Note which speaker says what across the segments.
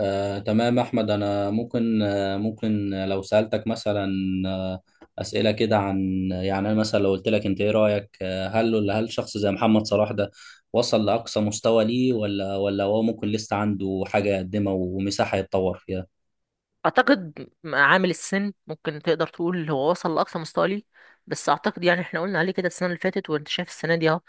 Speaker 1: تمام أحمد، أنا ممكن ممكن لو سألتك مثلا آه، أسئلة كده عن يعني أنا مثلا لو قلت لك أنت إيه رأيك؟ هل شخص زي محمد صلاح ده وصل لأقصى مستوى ليه، ولا هو ممكن لسه عنده حاجة يقدمها ومساحة يتطور فيها؟
Speaker 2: اعتقد عامل السن ممكن تقدر تقول هو وصل لاقصى مستوى ليه. بس اعتقد يعني احنا قلنا عليه كده السنه اللي فاتت، وانت شايف السنه دي اهو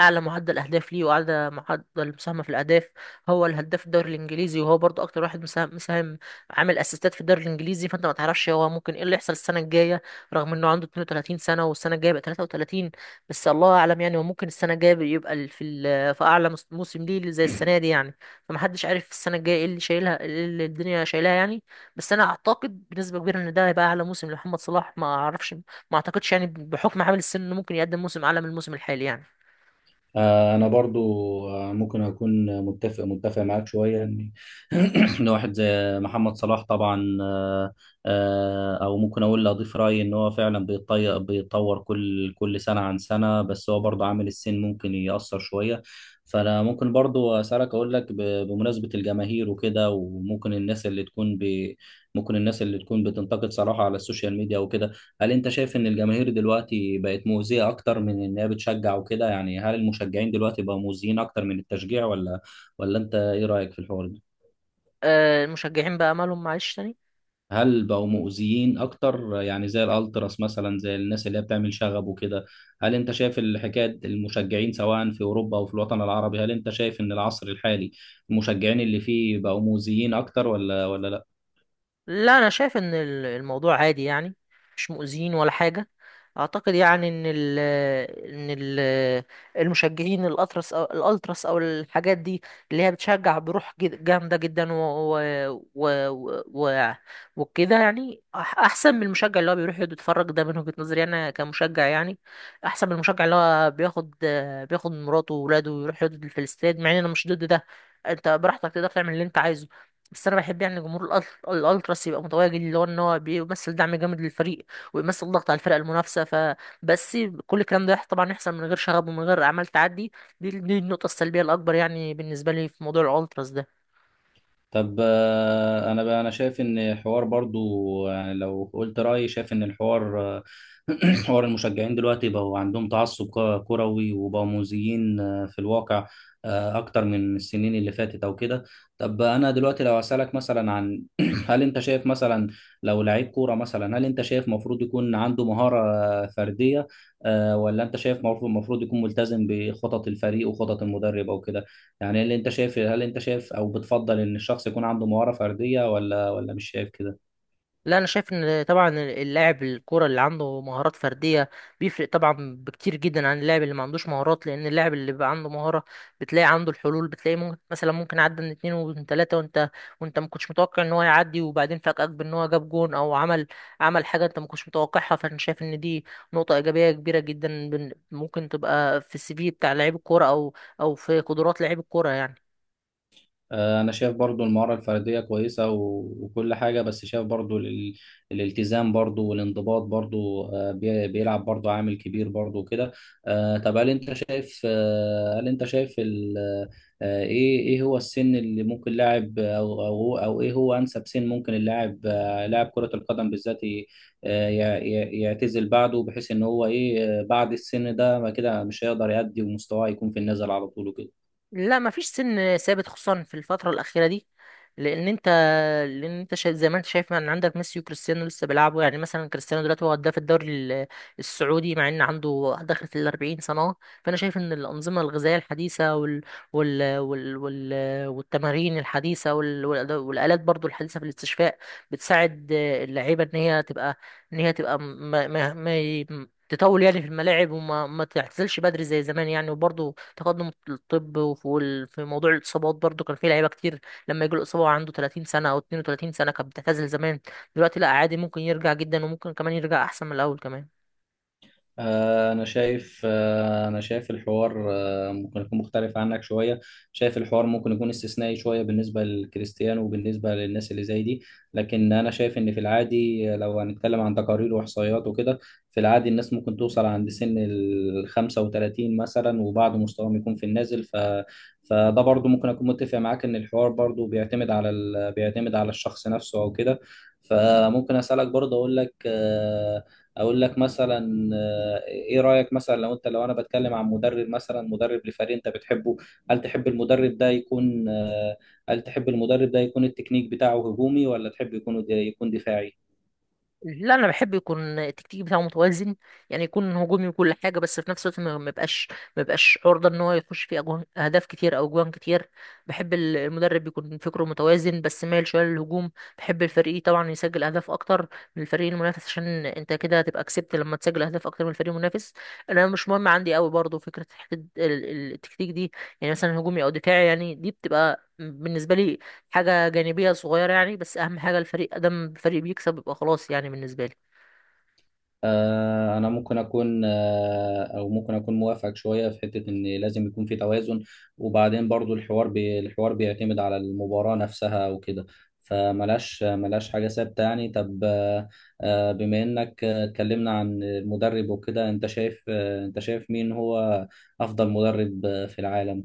Speaker 2: اعلى معدل اهداف ليه واعلى معدل مساهمه في الاهداف. هو الهداف في الدوري الانجليزي، وهو برضو اكتر واحد مساهم عامل اسيستات في الدوري الانجليزي. فانت ما تعرفش هو ممكن ايه اللي يحصل السنه الجايه، رغم انه عنده 32 سنه والسنه الجايه بقى 33. بس الله اعلم يعني، وممكن السنه الجايه يبقى في اعلى موسم ليه زي السنه دي يعني. فمحدش عارف السنه الجايه ايه اللي شايلها، ايه اللي الدنيا شايلها يعني. بس انا اعتقد بنسبه كبيره ان ده هيبقى اعلى موسم لمحمد صلاح. ما اعرفش، ما اعتقدش يعني بحكم عامل السن انه ممكن يقدم موسم اعلى من الموسم الحالي يعني.
Speaker 1: انا برضو ممكن اكون متفق معاك شويه ان ان واحد زي محمد صلاح طبعا او ممكن اقول لأ، اضيف رايي ان هو فعلا بيتطور كل سنه عن سنه، بس هو برضو عامل السن ممكن ياثر شويه. فانا ممكن برضو اسالك، اقول لك بمناسبه الجماهير وكده، وممكن الناس اللي تكون ممكن الناس اللي تكون بتنتقد صلاح على السوشيال ميديا وكده، هل انت شايف ان الجماهير دلوقتي بقت مؤذية اكتر من انها بتشجع وكده؟ يعني هل المشجعين دلوقتي بقوا مؤذيين اكتر من التشجيع، ولا انت ايه رأيك في الحوار ده؟
Speaker 2: المشجعين بقى مالهم معلش تاني؟
Speaker 1: هل بقوا مؤذيين اكتر؟ يعني زي الالتراس مثلا، زي الناس اللي هي بتعمل شغب وكده، هل انت شايف الحكاية المشجعين سواء في اوروبا او في الوطن العربي؟ هل انت شايف ان العصر الحالي المشجعين اللي فيه بقوا مؤذيين اكتر، ولا لا؟
Speaker 2: لا، انا شايف ان الموضوع عادي يعني، مش مؤذيين ولا حاجه. اعتقد يعني ان ال ان ال المشجعين الاطرس او الالتراس او الحاجات دي اللي هي بتشجع بروح جامده جدا و وكده يعني احسن من المشجع اللي هو بيروح يقعد يتفرج ده، من وجهه نظري انا كمشجع يعني، احسن من المشجع اللي هو بياخد مراته وولاده ويروح يقعد في الاستاد، مع ان انا مش ضد ده، انت براحتك تقدر تعمل اللي انت عايزه. بس انا بحب يعني جمهور الالتراس يبقى متواجد، اللي هو ان هو بيمثل دعم جامد للفريق ويمثل ضغط على الفرق المنافسه فبس. كل الكلام ده طبعا يحصل من غير شغب ومن غير اعمال تعدي. دي النقطه السلبيه الاكبر يعني بالنسبه لي في موضوع الالتراس ده.
Speaker 1: طب انا بقى انا شايف ان حوار برضو، يعني لو قلت رايي، شايف ان الحوار حوار المشجعين دلوقتي بقوا عندهم تعصب كروي وبقوا مؤذيين في الواقع اكتر من السنين اللي فاتت او كده. طب انا دلوقتي لو اسالك مثلا عن هل انت شايف مثلا لو لعيب كوره مثلا، هل انت شايف مفروض يكون عنده مهاره فرديه آه،، ولا انت شايف مفروض يكون ملتزم بخطط الفريق وخطط المدرب او كده؟ يعني اللي انت شايف، هل انت شايف او بتفضل ان الشخص يكون عنده مهارة فردية ولا مش شايف كده؟
Speaker 2: لا، انا شايف ان طبعا اللاعب الكوره اللي عنده مهارات فرديه بيفرق طبعا بكتير جدا عن اللاعب اللي ما عندوش مهارات، لان اللاعب اللي بيبقى عنده مهاره بتلاقي عنده الحلول، بتلاقي ممكن مثلا ممكن عدى من اتنين ومن تلاته وانت ما كنتش متوقع ان هو يعدي، وبعدين فاجئك بان هو جاب جون او عمل حاجه انت ما كنتش متوقعها. فانا شايف ان دي نقطه ايجابيه كبيره جدا، ممكن تبقى في السي في بتاع لعيب الكوره، او في قدرات لعيب الكوره يعني.
Speaker 1: انا شايف برضو المهارة الفردية كويسة، وكل حاجة، بس شايف برضو الالتزام برضو والانضباط برضو بيلعب برضو عامل كبير برضو وكده. طب هل انت شايف ايه هو السن اللي ممكن لاعب، او ايه هو انسب سن ممكن اللاعب لاعب كرة القدم بالذات يعتزل بعده، بحيث ان هو ايه بعد السن ده ما كده مش هيقدر يأدي ومستواه يكون في النزل على طول وكده؟
Speaker 2: لا، مفيش سن ثابت خصوصا في الفتره الاخيره دي. لان انت لان انت شايف زي ما انت شايف ان عندك ميسي وكريستيانو لسه بيلعبوا، يعني مثلا كريستيانو دلوقتي هو هداف الدوري السعودي، مع ان عنده داخل في ال 40 سنه أهو. فانا شايف ان الانظمه الغذائيه الحديثه والتمارين الحديثه والالات برضو الحديثه في الاستشفاء بتساعد اللعيبه ان هي تبقى ان هي تبقى ما... ما... ما... ي- تطول يعني في الملاعب، وما ما تعتزلش بدري زي زمان يعني. وبرضه تقدم الطب، في موضوع الاصابات برضه كان في لعيبه كتير لما يجي له اصابه وعنده 30 سنه او 32 سنه كانت بتعتزل زمان. دلوقتي لا، عادي ممكن يرجع جدا، وممكن كمان يرجع احسن من الاول كمان.
Speaker 1: أنا شايف الحوار ممكن يكون مختلف عنك شوية. شايف الحوار ممكن يكون استثنائي شوية بالنسبة للكريستيانو وبالنسبة للناس اللي زي دي، لكن أنا شايف إن في العادي لو هنتكلم عن تقارير وإحصائيات وكده، في العادي الناس ممكن توصل عند سن ال 35 مثلا، وبعض مستواهم يكون في النازل. فده برضو ممكن أكون متفق معاك إن الحوار برضو بيعتمد على بيعتمد على الشخص نفسه أو كده. فممكن أسألك برضو، أقول لك اقول لك مثلا ايه رايك مثلا، لو لو انا بتكلم عن مدرب مثلا، مدرب لفريق انت بتحبه، هل تحب المدرب ده يكون هل تحب المدرب ده يكون التكنيك بتاعه هجومي، ولا تحب يكون دفاعي؟
Speaker 2: لا، انا بحب يكون التكتيك بتاعه متوازن، يعني يكون هجومي وكل حاجه، بس في نفس الوقت ما ما يبقاش ما يبقاش عرضه ان هو يخش فيه أجوان اهداف كتير او اجوان كتير. بحب المدرب يكون فكره متوازن، بس مايل شويه للهجوم. بحب الفريق طبعا يسجل اهداف اكتر من الفريق المنافس، عشان انت كده هتبقى كسبت لما تسجل اهداف اكتر من الفريق المنافس. انا مش مهم عندي قوي برضه فكره حتة التكتيك دي، يعني مثلا هجومي او دفاعي، يعني دي بتبقى بالنسبه لي حاجة جانبية صغيرة يعني. بس أهم حاجة الفريق أدم فريق بيكسب، يبقى خلاص يعني بالنسبة لي.
Speaker 1: أنا ممكن أكون موافقك شوية في حتة إن لازم يكون في توازن، وبعدين برضو الحوار بيعتمد على المباراة نفسها وكده، فملاش حاجة ثابتة يعني. طب بما إنك اتكلمنا عن المدرب وكده، أنت شايف مين هو أفضل مدرب في العالم؟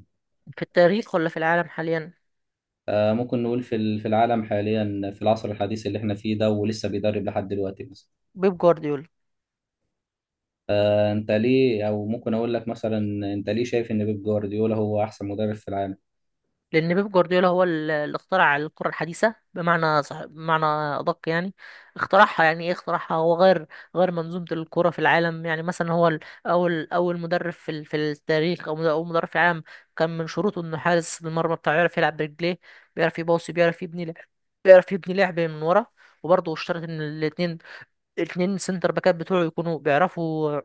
Speaker 2: في التاريخ ولا في العالم حاليا؟
Speaker 1: ممكن نقول في في العالم حاليا، في العصر الحديث اللي إحنا فيه ده ولسه بيدرب لحد دلوقتي مثلا.
Speaker 2: بيب جوارديولا.
Speaker 1: انت ليه، او ممكن اقول لك مثلا، انت ليه شايف ان بيب جوارديولا هو احسن مدرب في العالم؟
Speaker 2: لأن بيب جوارديولا هو اللي اخترع الكرة الحديثة، بمعنى صح، بمعنى أدق يعني. اخترعها يعني إيه؟ اخترعها، هو غير منظومة الكرة في العالم. يعني مثلا هو أول مدرب في في التاريخ، أو أول مدرب في العالم كان من شروطه إنه حارس المرمى بتاعه يعرف يلعب برجليه، بيعرف يباصي، بيعرف يبني لعب من ورا. وبرضه اشترط ان الاتنين سنتر باكات بتوعه يكونوا بيعرفوا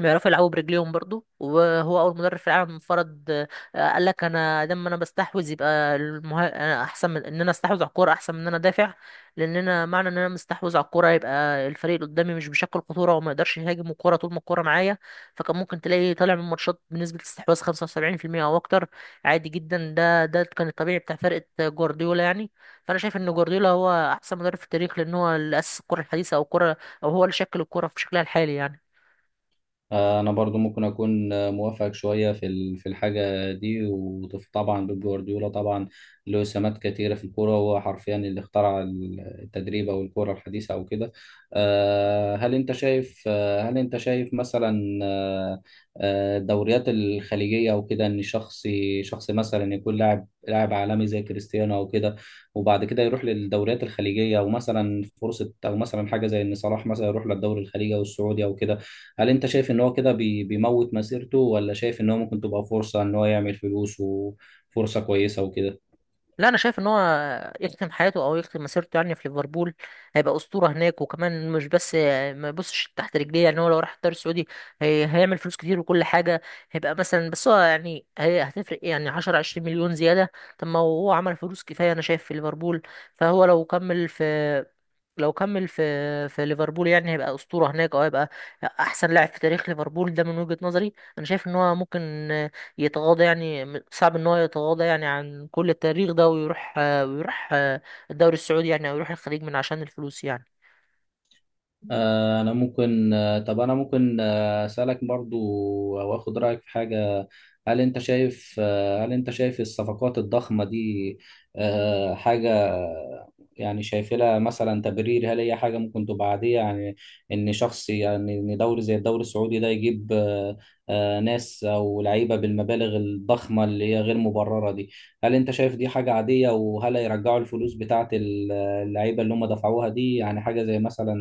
Speaker 2: بيعرفوا يلعبوا برجليهم برضو. وهو اول مدرب في العالم فرض، قال لك انا دام انا بستحوذ يبقى انا احسن من ان انا استحوذ على الكوره احسن من ان انا دافع، لان انا معنى ان انا مستحوذ على الكوره يبقى الفريق اللي قدامي مش بيشكل خطوره وما يقدرش يهاجم الكوره طول ما الكوره معايا. فكان ممكن تلاقي طالع من ماتشات بنسبه استحواذ 75% او اكتر، عادي جدا. ده كان الطبيعي بتاع فرقه جوارديولا يعني. فانا شايف ان جوارديولا هو احسن مدرب في التاريخ، لان هو اللي اسس الكره الحديثه، او الكره، او هو اللي شكل الكره في شكلها الحالي يعني.
Speaker 1: انا برضو ممكن اكون موافقك شويه في في الحاجه دي، وطبعا بيب جوارديولا طبعا له سمات كتيره في الكوره، وهو حرفيا اللي اخترع التدريب او الكوره الحديثه او كده. هل انت شايف مثلا الدوريات الخليجيه او كده، ان شخص، شخص مثلا يكون لاعب عالمي زي كريستيانو او كده، وبعد كده يروح للدوريات الخليجيه، او مثلا فرصه، او مثلا حاجه زي ان صلاح مثلا يروح للدوري الخليجي او السعودي او كده، هل انت شايف ان هو كده بيموت مسيرته، ولا شايف ان هو ممكن تبقى فرصة ان هو يعمل فلوس وفرصة كويسة وكده؟
Speaker 2: لا، انا شايف ان هو يختم حياته او يختم مسيرته يعني في ليفربول. هيبقى اسطوره هناك، وكمان مش بس ما يبصش تحت رجليه، يعني هو لو راح الدوري السعودي هي هيعمل فلوس كتير وكل حاجه، هيبقى مثلا، بس هو يعني هي هتفرق إيه يعني؟ 10 20 مليون زياده؟ طب ما هو عمل فلوس كفايه انا شايف في ليفربول. فهو لو كمل في ليفربول يعني هيبقى اسطوره هناك، او هيبقى احسن لاعب في تاريخ ليفربول. ده من وجهه نظري، انا شايف ان هو ممكن يتغاضى يعني، صعب ان هو يتغاضى يعني عن كل التاريخ ده ويروح ويروح الدوري السعودي يعني، او يروح الخليج من عشان الفلوس يعني.
Speaker 1: آه، انا ممكن آه، طب انا ممكن اسالك برضو او اخد رايك في حاجه. هل انت شايف هل انت شايف الصفقات الضخمه دي حاجه، يعني شايف لها مثلا تبرير؟ هل هي حاجه ممكن تبقى عاديه يعني، ان شخص، يعني ان دوري زي الدوري السعودي ده يجيب ناس او لعيبه بالمبالغ الضخمه اللي هي غير مبرره دي؟ هل انت شايف دي حاجه عاديه، وهل هيرجعوا الفلوس بتاعت اللعيبه اللي هم دفعوها دي؟ يعني حاجه زي مثلا،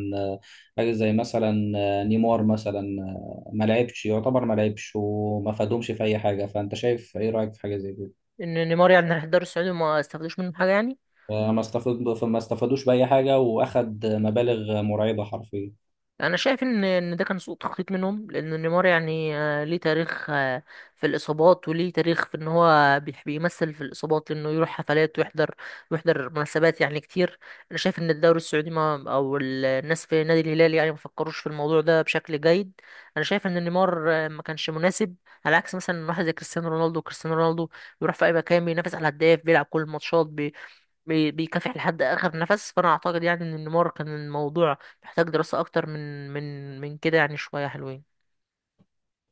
Speaker 1: حاجة زي مثلا نيمار مثلا ما لعبش، يعتبر ما لعبش وما فادهمش في أي حاجة، فأنت شايف إيه رأيك في حاجة زي كده؟
Speaker 2: ان نيمار يعني راح الدوري السعودي وما استفادوش منه حاجه يعني.
Speaker 1: ما استفاد، ما استفادوش بأي حاجة وأخد مبالغ مرعبة حرفيا.
Speaker 2: انا شايف ان ده كان سوء تخطيط منهم، لان نيمار يعني ليه تاريخ، في الاصابات، وليه تاريخ في ان هو بيمثل في الاصابات لانه يروح حفلات ويحضر مناسبات يعني كتير. انا شايف ان الدوري السعودي، ما او الناس في نادي الهلال يعني ما فكروش في الموضوع ده بشكل جيد. انا شايف ان نيمار ما كانش مناسب، على عكس مثلا واحد زي كريستيانو رونالدو. كريستيانو رونالدو بيروح في اي مكان، بينافس على الهداف، بيلعب كل الماتشات، بيكافح لحد اخر نفس. فانا اعتقد يعني ان نيمار كان الموضوع محتاج دراسة اكتر من كده يعني، شوية حلوين.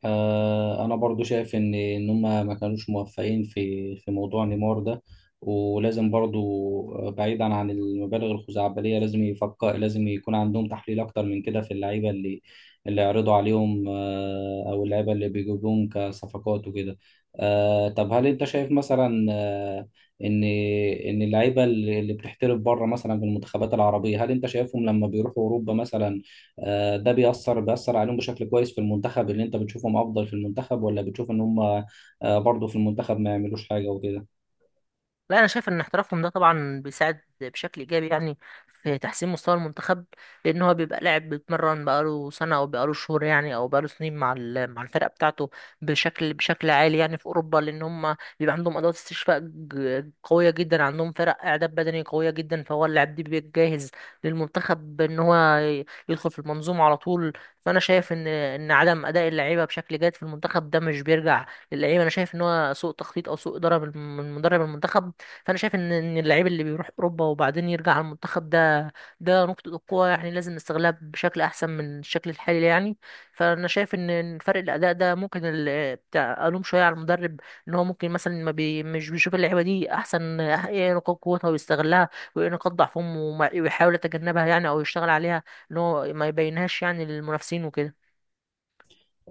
Speaker 1: انا برضو شايف ان ان هم ما كانوش موفقين في موضوع نيمار ده، ولازم برضو بعيدا عن المبالغ الخزعبليه، لازم يفكر، لازم يكون عندهم تحليل اكتر من كده في اللعيبه اللي، اللي يعرضوا عليهم او اللعيبه اللي بيجيبوهم كصفقات وكده. طب هل انت شايف مثلا ان ان اللعيبه اللي، اللي بتحترف بره مثلا في المنتخبات العربيه، هل انت شايفهم لما بيروحوا اوروبا مثلا ده بيأثر عليهم بشكل كويس في المنتخب، اللي انت بتشوفهم افضل في المنتخب، ولا بتشوف ان هم برضو في المنتخب ما يعملوش حاجة وكده؟
Speaker 2: لا، انا شايف ان احترافهم ده طبعا بيساعد بشكل ايجابي يعني في تحسين مستوى المنتخب. لان هو بيبقى لاعب بيتمرن بقاله سنه او بقاله شهور يعني، او بقاله سنين مع مع الفرقه بتاعته بشكل عالي يعني في اوروبا، لان هم بيبقى عندهم ادوات استشفاء قويه جدا، عندهم فرق اعداد بدني قويه جدا، فهو اللاعب ده بيبقى جاهز للمنتخب ان هو يدخل في المنظومه على طول. فانا شايف ان عدم اداء اللعيبه بشكل جيد في المنتخب ده مش بيرجع للعيبه. انا شايف ان هو سوء تخطيط او سوء اداره من مدرب المنتخب. فانا شايف ان اللعيب اللي بيروح اوروبا وبعدين يرجع على المنتخب ده، ده نقطه قوه يعني، لازم نستغلها بشكل احسن من الشكل الحالي يعني. فانا شايف ان فرق الاداء ده ممكن بتاع الوم شويه على المدرب، ان هو ممكن مثلا ما بي مش بيشوف اللعيبه دي احسن، ايه نقاط قوتها ويستغلها، وايه نقاط ضعفهم ويحاول يتجنبها يعني، او يشتغل عليها ان هو ما يبينهاش يعني للمنافسين وكده.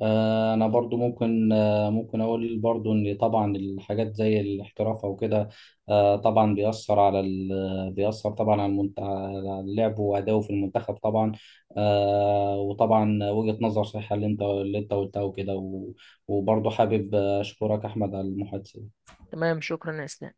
Speaker 1: انا برضو ممكن ممكن اقول برضو ان طبعا الحاجات زي الاحتراف او كده طبعا بيأثر على بيأثر طبعا على, على لعبه وأداؤه في المنتخب طبعا وطبعا وجهة نظر صحيحة اللي انت، اللي انت قلتها وكده و... وبرضو حابب اشكرك احمد على المحادثة.
Speaker 2: تمام، شكرا يا اسلام.